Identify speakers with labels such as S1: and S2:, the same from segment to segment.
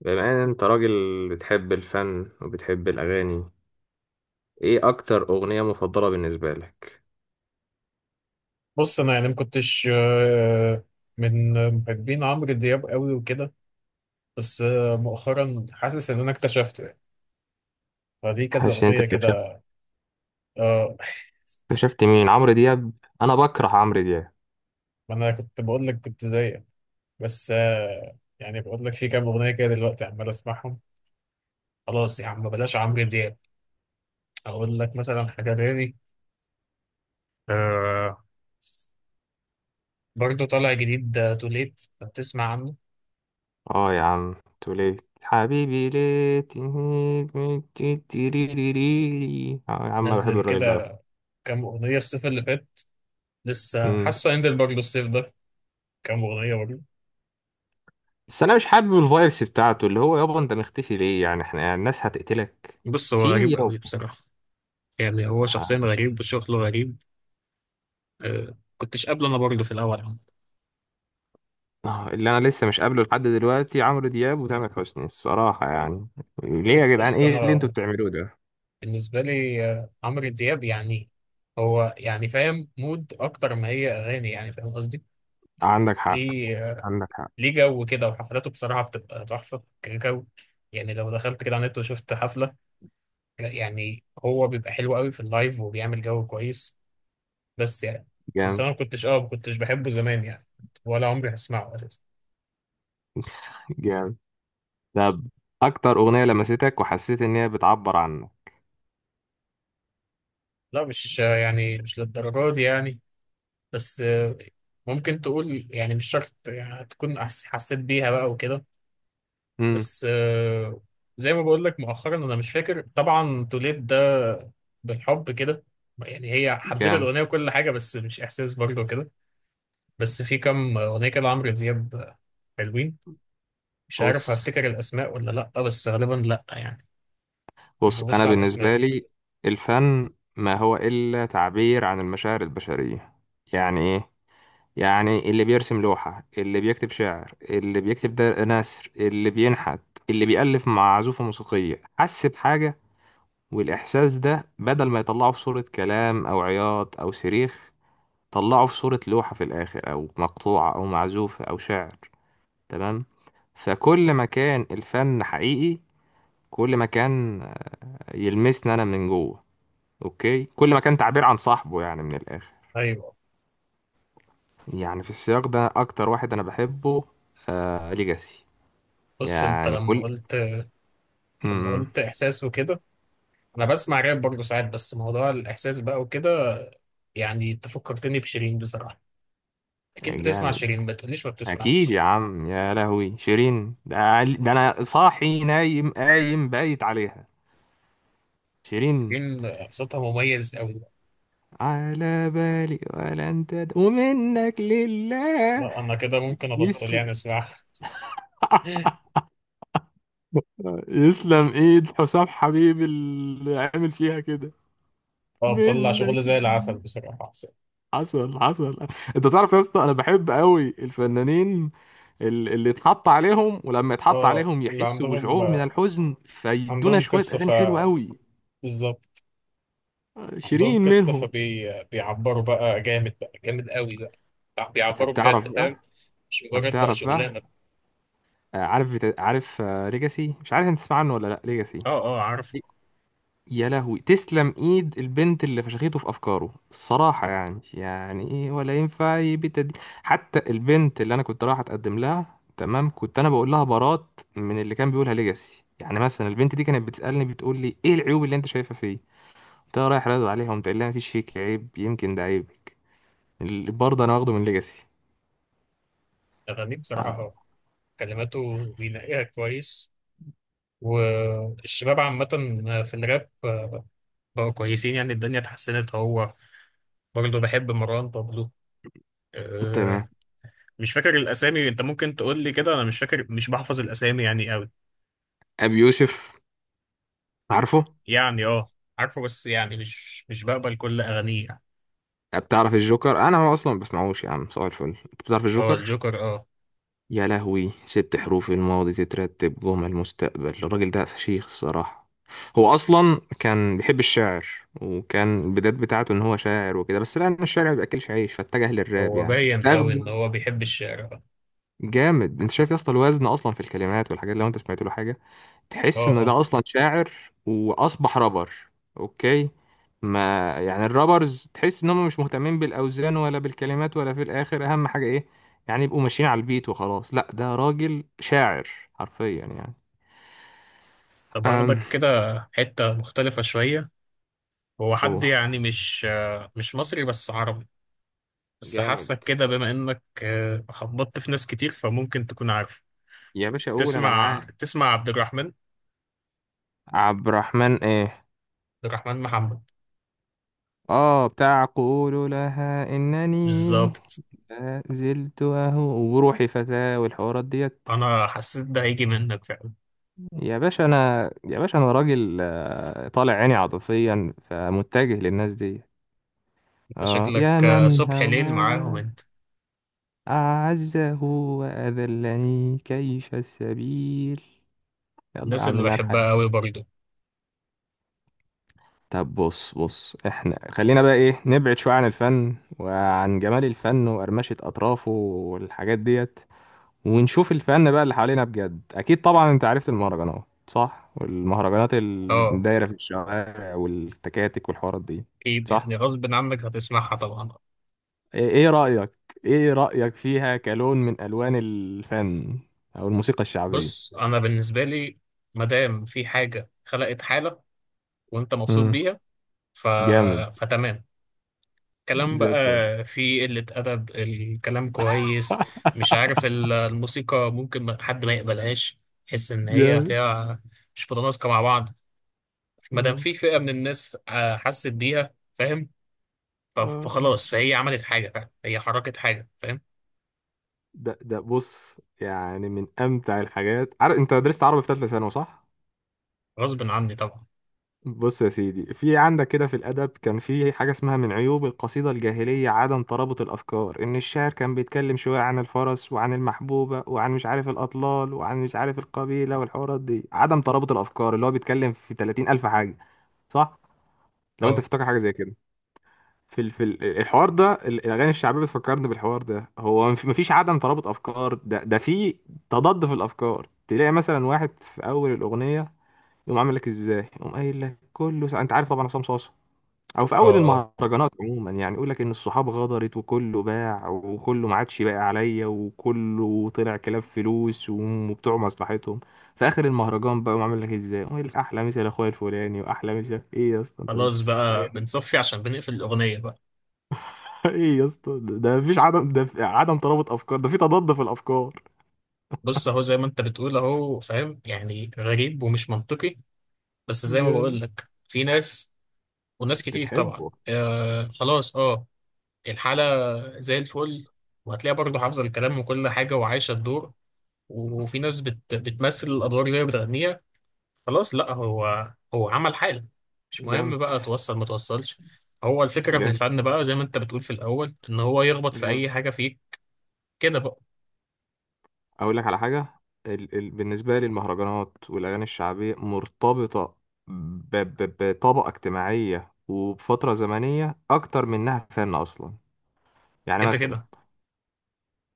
S1: بما ان انت راجل بتحب الفن وبتحب الاغاني، ايه اكتر اغنية مفضلة بالنسبة لك؟
S2: بص، انا يعني ما كنتش من محبين عمرو دياب قوي وكده. بس مؤخرا حاسس ان انا اكتشفته يعني، فدي كذا
S1: حاسس ان انت
S2: اغنيه
S1: اكتشفت
S2: كده. اه،
S1: اكتشفت مين؟ عمرو دياب؟ انا بكره عمرو دياب.
S2: ما انا كنت بقول لك كنت زيك. بس يعني بقول لك في كام اغنيه كده دلوقتي عمال اسمعهم. خلاص يا عم، بلاش عمرو دياب. اقول لك مثلا حاجه تاني. آه، برضه طالع جديد توليت، بتسمع عنه؟
S1: اه يا عم توليت حبيبي ليه تهيج من تيتيريريري. اه يا عم انا بحب
S2: نزل
S1: الراجل ده على فكرة.
S2: كده كام اغنيه الصيف اللي فات، لسه
S1: مم.
S2: حاسه هينزل برضه الصيف ده كام اغنيه برضه.
S1: بس انا مش حابب الفايبس بتاعته اللي هو يابا انت مختفي ليه، يعني احنا الناس هتقتلك.
S2: بص، هو غريب
S1: في
S2: قوي بصراحة. يعني هو شخصيا
S1: يابا.
S2: غريب وشغله غريب. كنتش قابله انا برضه في الاول عمد.
S1: اللي انا لسه مش قابله لحد دلوقتي عمرو دياب وتامر حسني الصراحه يعني. ليه يا جدعان؟
S2: بص،
S1: ايه اللي
S2: انا
S1: انتوا بتعملوه ده؟
S2: بالنسبه لي عمرو دياب يعني، هو يعني فاهم مود اكتر ما هي اغاني، يعني فاهم قصدي.
S1: عندك حق،
S2: ليه
S1: عندك حق.
S2: ليه جو كده، وحفلاته بصراحه بتبقى تحفه كجو. يعني لو دخلت كده على النت وشفت حفله، لا، يعني هو بيبقى حلو قوي في اللايف وبيعمل جو كويس. بس يعني، بس
S1: جامد.
S2: انا ما كنتش بحبه زمان يعني، ولا عمري هسمعه اساسا.
S1: جامد. طب، اكتر اغنيه لمستك وحسيت ان هي بتعبر عنك؟
S2: لا، مش يعني مش للدرجه دي يعني. بس ممكن تقول يعني مش شرط يعني تكون حسيت بيها بقى وكده.
S1: امم.
S2: بس زي ما بقول لك مؤخرا، انا مش فاكر طبعا توليد ده بالحب كده. يعني هي حبيت
S1: جامد.
S2: الاغنيه وكل حاجه، بس مش احساس برضه كده. بس في كام اغنيه كده عمرو دياب حلوين، مش عارف
S1: بص،
S2: هفتكر الاسماء ولا لا، بس غالبا لا يعني، مش
S1: بص
S2: ببص
S1: انا
S2: على الاسماء.
S1: بالنسبه لي الفن ما هو الا تعبير عن المشاعر البشريه. يعني ايه؟ يعني اللي بيرسم لوحة، اللي بيكتب شعر، اللي بيكتب ده نثر، اللي بينحت، اللي بيألف مع عزوفة موسيقية، حس بحاجة، والإحساس ده بدل ما يطلعه في صورة كلام أو عياط أو صريخ، طلعه في صورة لوحة في الآخر أو مقطوعة أو معزوفة أو شعر. تمام. فكل ما كان الفن حقيقي، كل ما كان يلمسني أنا من جوه. أوكي، كل ما كان تعبير عن صاحبه، يعني من الآخر.
S2: ايوه.
S1: يعني في السياق ده أكتر واحد أنا بحبه آه ليجاسي.
S2: بص، انت
S1: يعني
S2: لما
S1: كل
S2: قلت، لما
S1: امم
S2: قلت احساس وكده، انا بسمع راب برضه ساعات، بس موضوع الاحساس بقى وكده. يعني انت فكرتني بشيرين بصراحه. اكيد بتسمع
S1: جامد.
S2: شيرين، ما تقوليش ما
S1: اكيد يا
S2: بتسمعش.
S1: عم، يا لهوي شيرين ده, ده انا صاحي نايم قايم بايت عليها. شيرين.
S2: شيرين صوتها مميز قوي.
S1: على بالي ولا انت ومنك لله.
S2: لا، انا كده ممكن ابطل
S1: يسلم.
S2: يعني اسمعها.
S1: يسلم ايد حسام حبيبي اللي عامل فيها كده.
S2: اه، بتطلع
S1: منك
S2: شغل زي
S1: لله.
S2: العسل بصراحه حسين.
S1: حصل حصل. انت تعرف يا اسطى انا بحب قوي الفنانين، اللي اتحط عليهم ولما يتحط
S2: اه،
S1: عليهم
S2: اللي
S1: يحسوا
S2: عندهم،
S1: بشعور من الحزن فيدونا
S2: عندهم
S1: شوية
S2: قصه،
S1: أغاني حلوة أوي.
S2: بالظبط. عندهم
S1: شيرين
S2: قصه
S1: منهم.
S2: فبي، بيعبروا بقى جامد، بقى جامد قوي، بقى
S1: أنت
S2: بيعبروا
S1: بتعرف
S2: بجد،
S1: بقى،
S2: فاهم؟ مش
S1: أنت
S2: مجرد بقى
S1: بتعرف بقى.
S2: شغلانه.
S1: عارف عارف ليجاسي؟ مش عارف أنت تسمع عنه ولا لأ ليجاسي؟
S2: اه اه، عارفه.
S1: يا لهوي، تسلم ايد البنت اللي فشخته في افكاره الصراحه، يعني ايه؟ ولا ينفع يبت دي. حتى البنت اللي انا كنت رايح اتقدم لها تمام كنت انا بقول لها برات من اللي كان بيقولها ليجاسي. يعني مثلا البنت دي كانت بتسالني بتقول لي ايه العيوب اللي انت شايفها فيه؟ انت رايح رادو عليها ومتقول لها مفيش فيك عيب، يمكن ده عيب. اللي برضه انا واخده من ليجاسي.
S2: اغانيه بصراحه،
S1: آه.
S2: اه، كلماته بينقيها كويس. والشباب عامة في الراب بقوا كويسين، يعني الدنيا اتحسنت. هو برضه بحب مروان بابلو.
S1: تمام.
S2: أه، مش فاكر الأسامي. أنت ممكن تقول لي كده، أنا مش فاكر، مش بحفظ الأسامي يعني أوي.
S1: ابي يوسف؟ عارفه.
S2: يعني أه، عارفه. بس يعني مش بقبل كل أغانيه يعني.
S1: بتعرف الجوكر؟ انا ما اصلا ما بسمعوش يا عم، صباح الفل، انت بتعرف
S2: هو
S1: الجوكر؟
S2: الجوكر؟ أه.
S1: يا لهوي، ست حروف الماضي تترتب جمل المستقبل، الراجل ده فشيخ الصراحه. هو اصلا كان بيحب الشعر، وكان البدايات بتاعته ان هو شاعر وكده، بس لان الشعر ما بياكلش عيش فاتجه للراب،
S2: هو
S1: يعني
S2: باين أوي إن
S1: استخدم.
S2: هو بيحب الشعر، أه.
S1: جامد. انت شايف يا اسطى الوزن اصلا في الكلمات والحاجات، لو انت سمعت له حاجه
S2: أه
S1: تحس ان
S2: أه.
S1: ده اصلا شاعر واصبح رابر. اوكي، ما يعني الرابرز تحس ان هم مش مهتمين بالاوزان ولا بالكلمات ولا في الاخر اهم حاجه ايه، يعني يبقوا ماشيين على البيت وخلاص. لا، ده راجل شاعر حرفيا يعني.
S2: طب
S1: أم.
S2: هاخدك كده حتة مختلفة شوية. هو حد
S1: أوه.
S2: يعني مش مش مصري بس عربي. بس
S1: جامد.
S2: حاسك كده بما انك خبطت في ناس كتير، فممكن تكون عارف.
S1: يا باشا قول انا
S2: تسمع
S1: معاك.
S2: تسمع عبد الرحمن عبد
S1: عبد الرحمن ايه؟
S2: الرحمن محمد.
S1: اه، بتاع قول لها انني
S2: بالظبط.
S1: لا زلت اهو وروحي فتاة والحوارات ديت.
S2: انا حسيت ده هيجي منك فعلا.
S1: يا باشا انا، يا باشا انا راجل، طالع عيني عاطفيا فمتجه للناس دي.
S2: انت
S1: اه يا
S2: شكلك
S1: من
S2: صبح ليل معاهم
S1: هواه
S2: انت.
S1: اعزه واذلني كيف السبيل. يلا يا
S2: الناس
S1: عم
S2: اللي
S1: نار
S2: بحبها
S1: الحياة.
S2: قوي برضه.
S1: طب بص، بص احنا خلينا بقى ايه، نبعد شوية عن الفن وعن جمال الفن وقرمشة اطرافه والحاجات ديت، ونشوف الفن بقى اللي حوالينا بجد. اكيد طبعا انت عرفت المهرجانات صح، والمهرجانات اللي
S2: اه،
S1: دايره في الشوارع والتكاتك والحوارات دي
S2: اكيد
S1: صح؟
S2: يعني غصب عنك هتسمعها طبعا.
S1: ايه، إيه رايك؟ ايه رايك فيها كلون من الوان الفن او الموسيقى الشعبيه؟
S2: بص، انا بالنسبه لي ما دام في حاجه خلقت حاله وانت مبسوط
S1: امم.
S2: بيها، ف...
S1: جامد.
S2: فتمام. كلام
S1: زي
S2: بقى
S1: الفل.
S2: فيه قلة أدب، الكلام كويس. مش عارف، الموسيقى ممكن حد ما يقبلهاش، يحس إن هي
S1: جامد.
S2: فيها مش متناسقة مع بعض. ما دام
S1: مم.
S2: في فئة من الناس حست بيها، فاهم؟
S1: آه.
S2: فخلاص، فهي عملت حاجة، فاهم؟ هي حركت حاجة، فاهم؟
S1: ده بص، يعني من امتع الحاجات، عارف انت درست عربي في ثالثه ثانوي صح؟
S2: غصب عني طبعا.
S1: بص يا سيدي في عندك كده، في الأدب كان في حاجة اسمها من عيوب القصيدة الجاهلية عدم ترابط الأفكار، إن الشاعر كان بيتكلم شوية عن الفرس وعن المحبوبة وعن مش عارف الأطلال وعن مش عارف القبيلة والحوارات دي، عدم ترابط الأفكار اللي هو بيتكلم في 30 ألف حاجة صح؟ لو أنت
S2: اه
S1: تفتكر حاجة زي كده الحوار ده، الأغاني الشعبية بتفكرني بالحوار ده، هو مفيش عدم ترابط أفكار، ده في تضاد في الأفكار، تلاقي مثلا واحد في أول الأغنية يقوم عامل لك إزاي؟ يقوم قايل لك كله أنت عارف طبعا عصام صاصا، او في
S2: اه
S1: اول
S2: اه.
S1: المهرجانات عموما يعني يقول لك ان الصحاب غدرت وكله باع وكله ما عادش باقي عليا وكله طلع كلاب فلوس وبتوع مصلحتهم. في اخر المهرجان بقى عامل لك ازاي، ويقول لك احلى مسا لاخويا الفلاني واحلى مسا، ايه يا اسطى انت
S2: خلاص
S1: مش
S2: بقى بنصفي عشان بنقفل الأغنية بقى.
S1: ايه يا اسطى، ده مفيش عدم، ده في عدم ترابط افكار، ده في تضاد في الافكار.
S2: بص، أهو زي ما أنت بتقول، أهو فاهم يعني غريب ومش منطقي، بس زي ما بقول
S1: جامد.
S2: لك في ناس وناس كتير طبعا،
S1: بتحبه.
S2: آه، خلاص، اه. الحالة زي الفل، وهتلاقيها برضه حافظة الكلام وكل حاجة وعايشة الدور. وفي ناس بتمثل الأدوار اللي هي بتغنيها. خلاص، لا هو عمل حالة، مش مهم
S1: جامد.
S2: بقى توصل ما توصلش. هو الفكرة في
S1: جامد.
S2: الفن بقى زي ما أنت بتقول في الأول، إن هو يخبط في
S1: جامد.
S2: أي حاجة فيك كده بقى.
S1: اقول لك على حاجه، بالنسبه لي المهرجانات والاغاني الشعبيه مرتبطه بطبقه اجتماعيه وبفتره زمنيه اكتر من انها فن اصلا. يعني
S2: كده
S1: مثلا،
S2: كده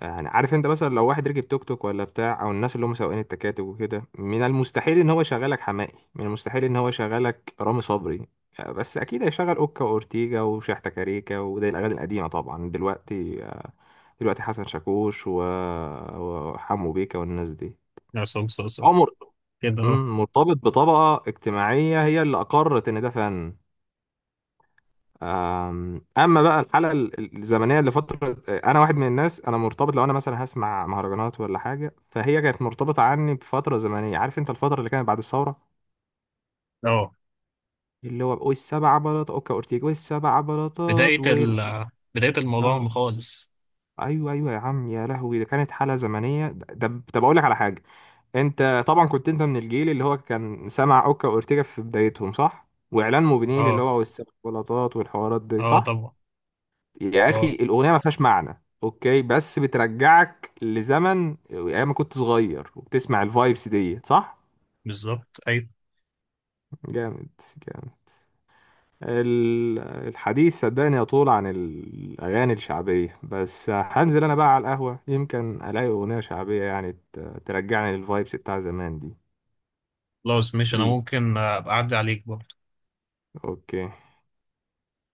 S1: يعني عارف انت مثلا لو واحد ركب توك توك ولا بتاع او الناس اللي هم سواقين التكاتك وكده، من المستحيل ان هو يشغلك حماقي، من المستحيل ان هو يشغلك رامي صبري، بس اكيد هيشغل اوكا واورتيجا وشحتة كاريكا، وده الاغاني القديمه طبعا. دلوقتي، دلوقتي حسن شاكوش وحمو بيكا والناس دي.
S2: عصام صاصا
S1: عمر.
S2: كده. اه
S1: مم، مرتبط بطبقة اجتماعية هي اللي أقرت إن ده فن. أما بقى الحالة الزمنية لفترة، أنا واحد من الناس أنا مرتبط، لو أنا مثلا هسمع مهرجانات ولا حاجة فهي كانت مرتبطة عني بفترة زمنية، عارف أنت الفترة اللي كانت بعد الثورة
S2: اه.
S1: اللي هو والسبع بلاطات أوكا أورتيجا والسبع
S2: بداية
S1: بلاطات وال
S2: ال بداية الموضوع
S1: آه
S2: خالص.
S1: أيوه أيوه يا عم، يا لهوي، ده كانت حالة زمنية، طب أقول لك على حاجة. انت طبعا كنت انت من الجيل اللي هو كان سمع اوكا واورتيجا في بدايتهم صح، واعلان موبينيل اللي
S2: اه
S1: هو والسيكولاتات والحوارات دي
S2: اه
S1: صح؟
S2: طبعا.
S1: يا اخي
S2: اه،
S1: الاغنيه ما فيهاش معنى اوكي، بس بترجعك لزمن ايام ما كنت صغير وبتسمع الفايبس دي صح؟
S2: بالظبط أيوة.
S1: جامد. جامد. ال- الحديث صدقني يطول عن الاغاني الشعبيه، بس هنزل انا بقى على القهوه يمكن الاقي اغنيه شعبيه يعني ترجعني للفايبس بتاع زمان دي.
S2: خلاص ماشي. انا
S1: بيه.
S2: ممكن ابقى اعدي عليك برضه.
S1: اوكي.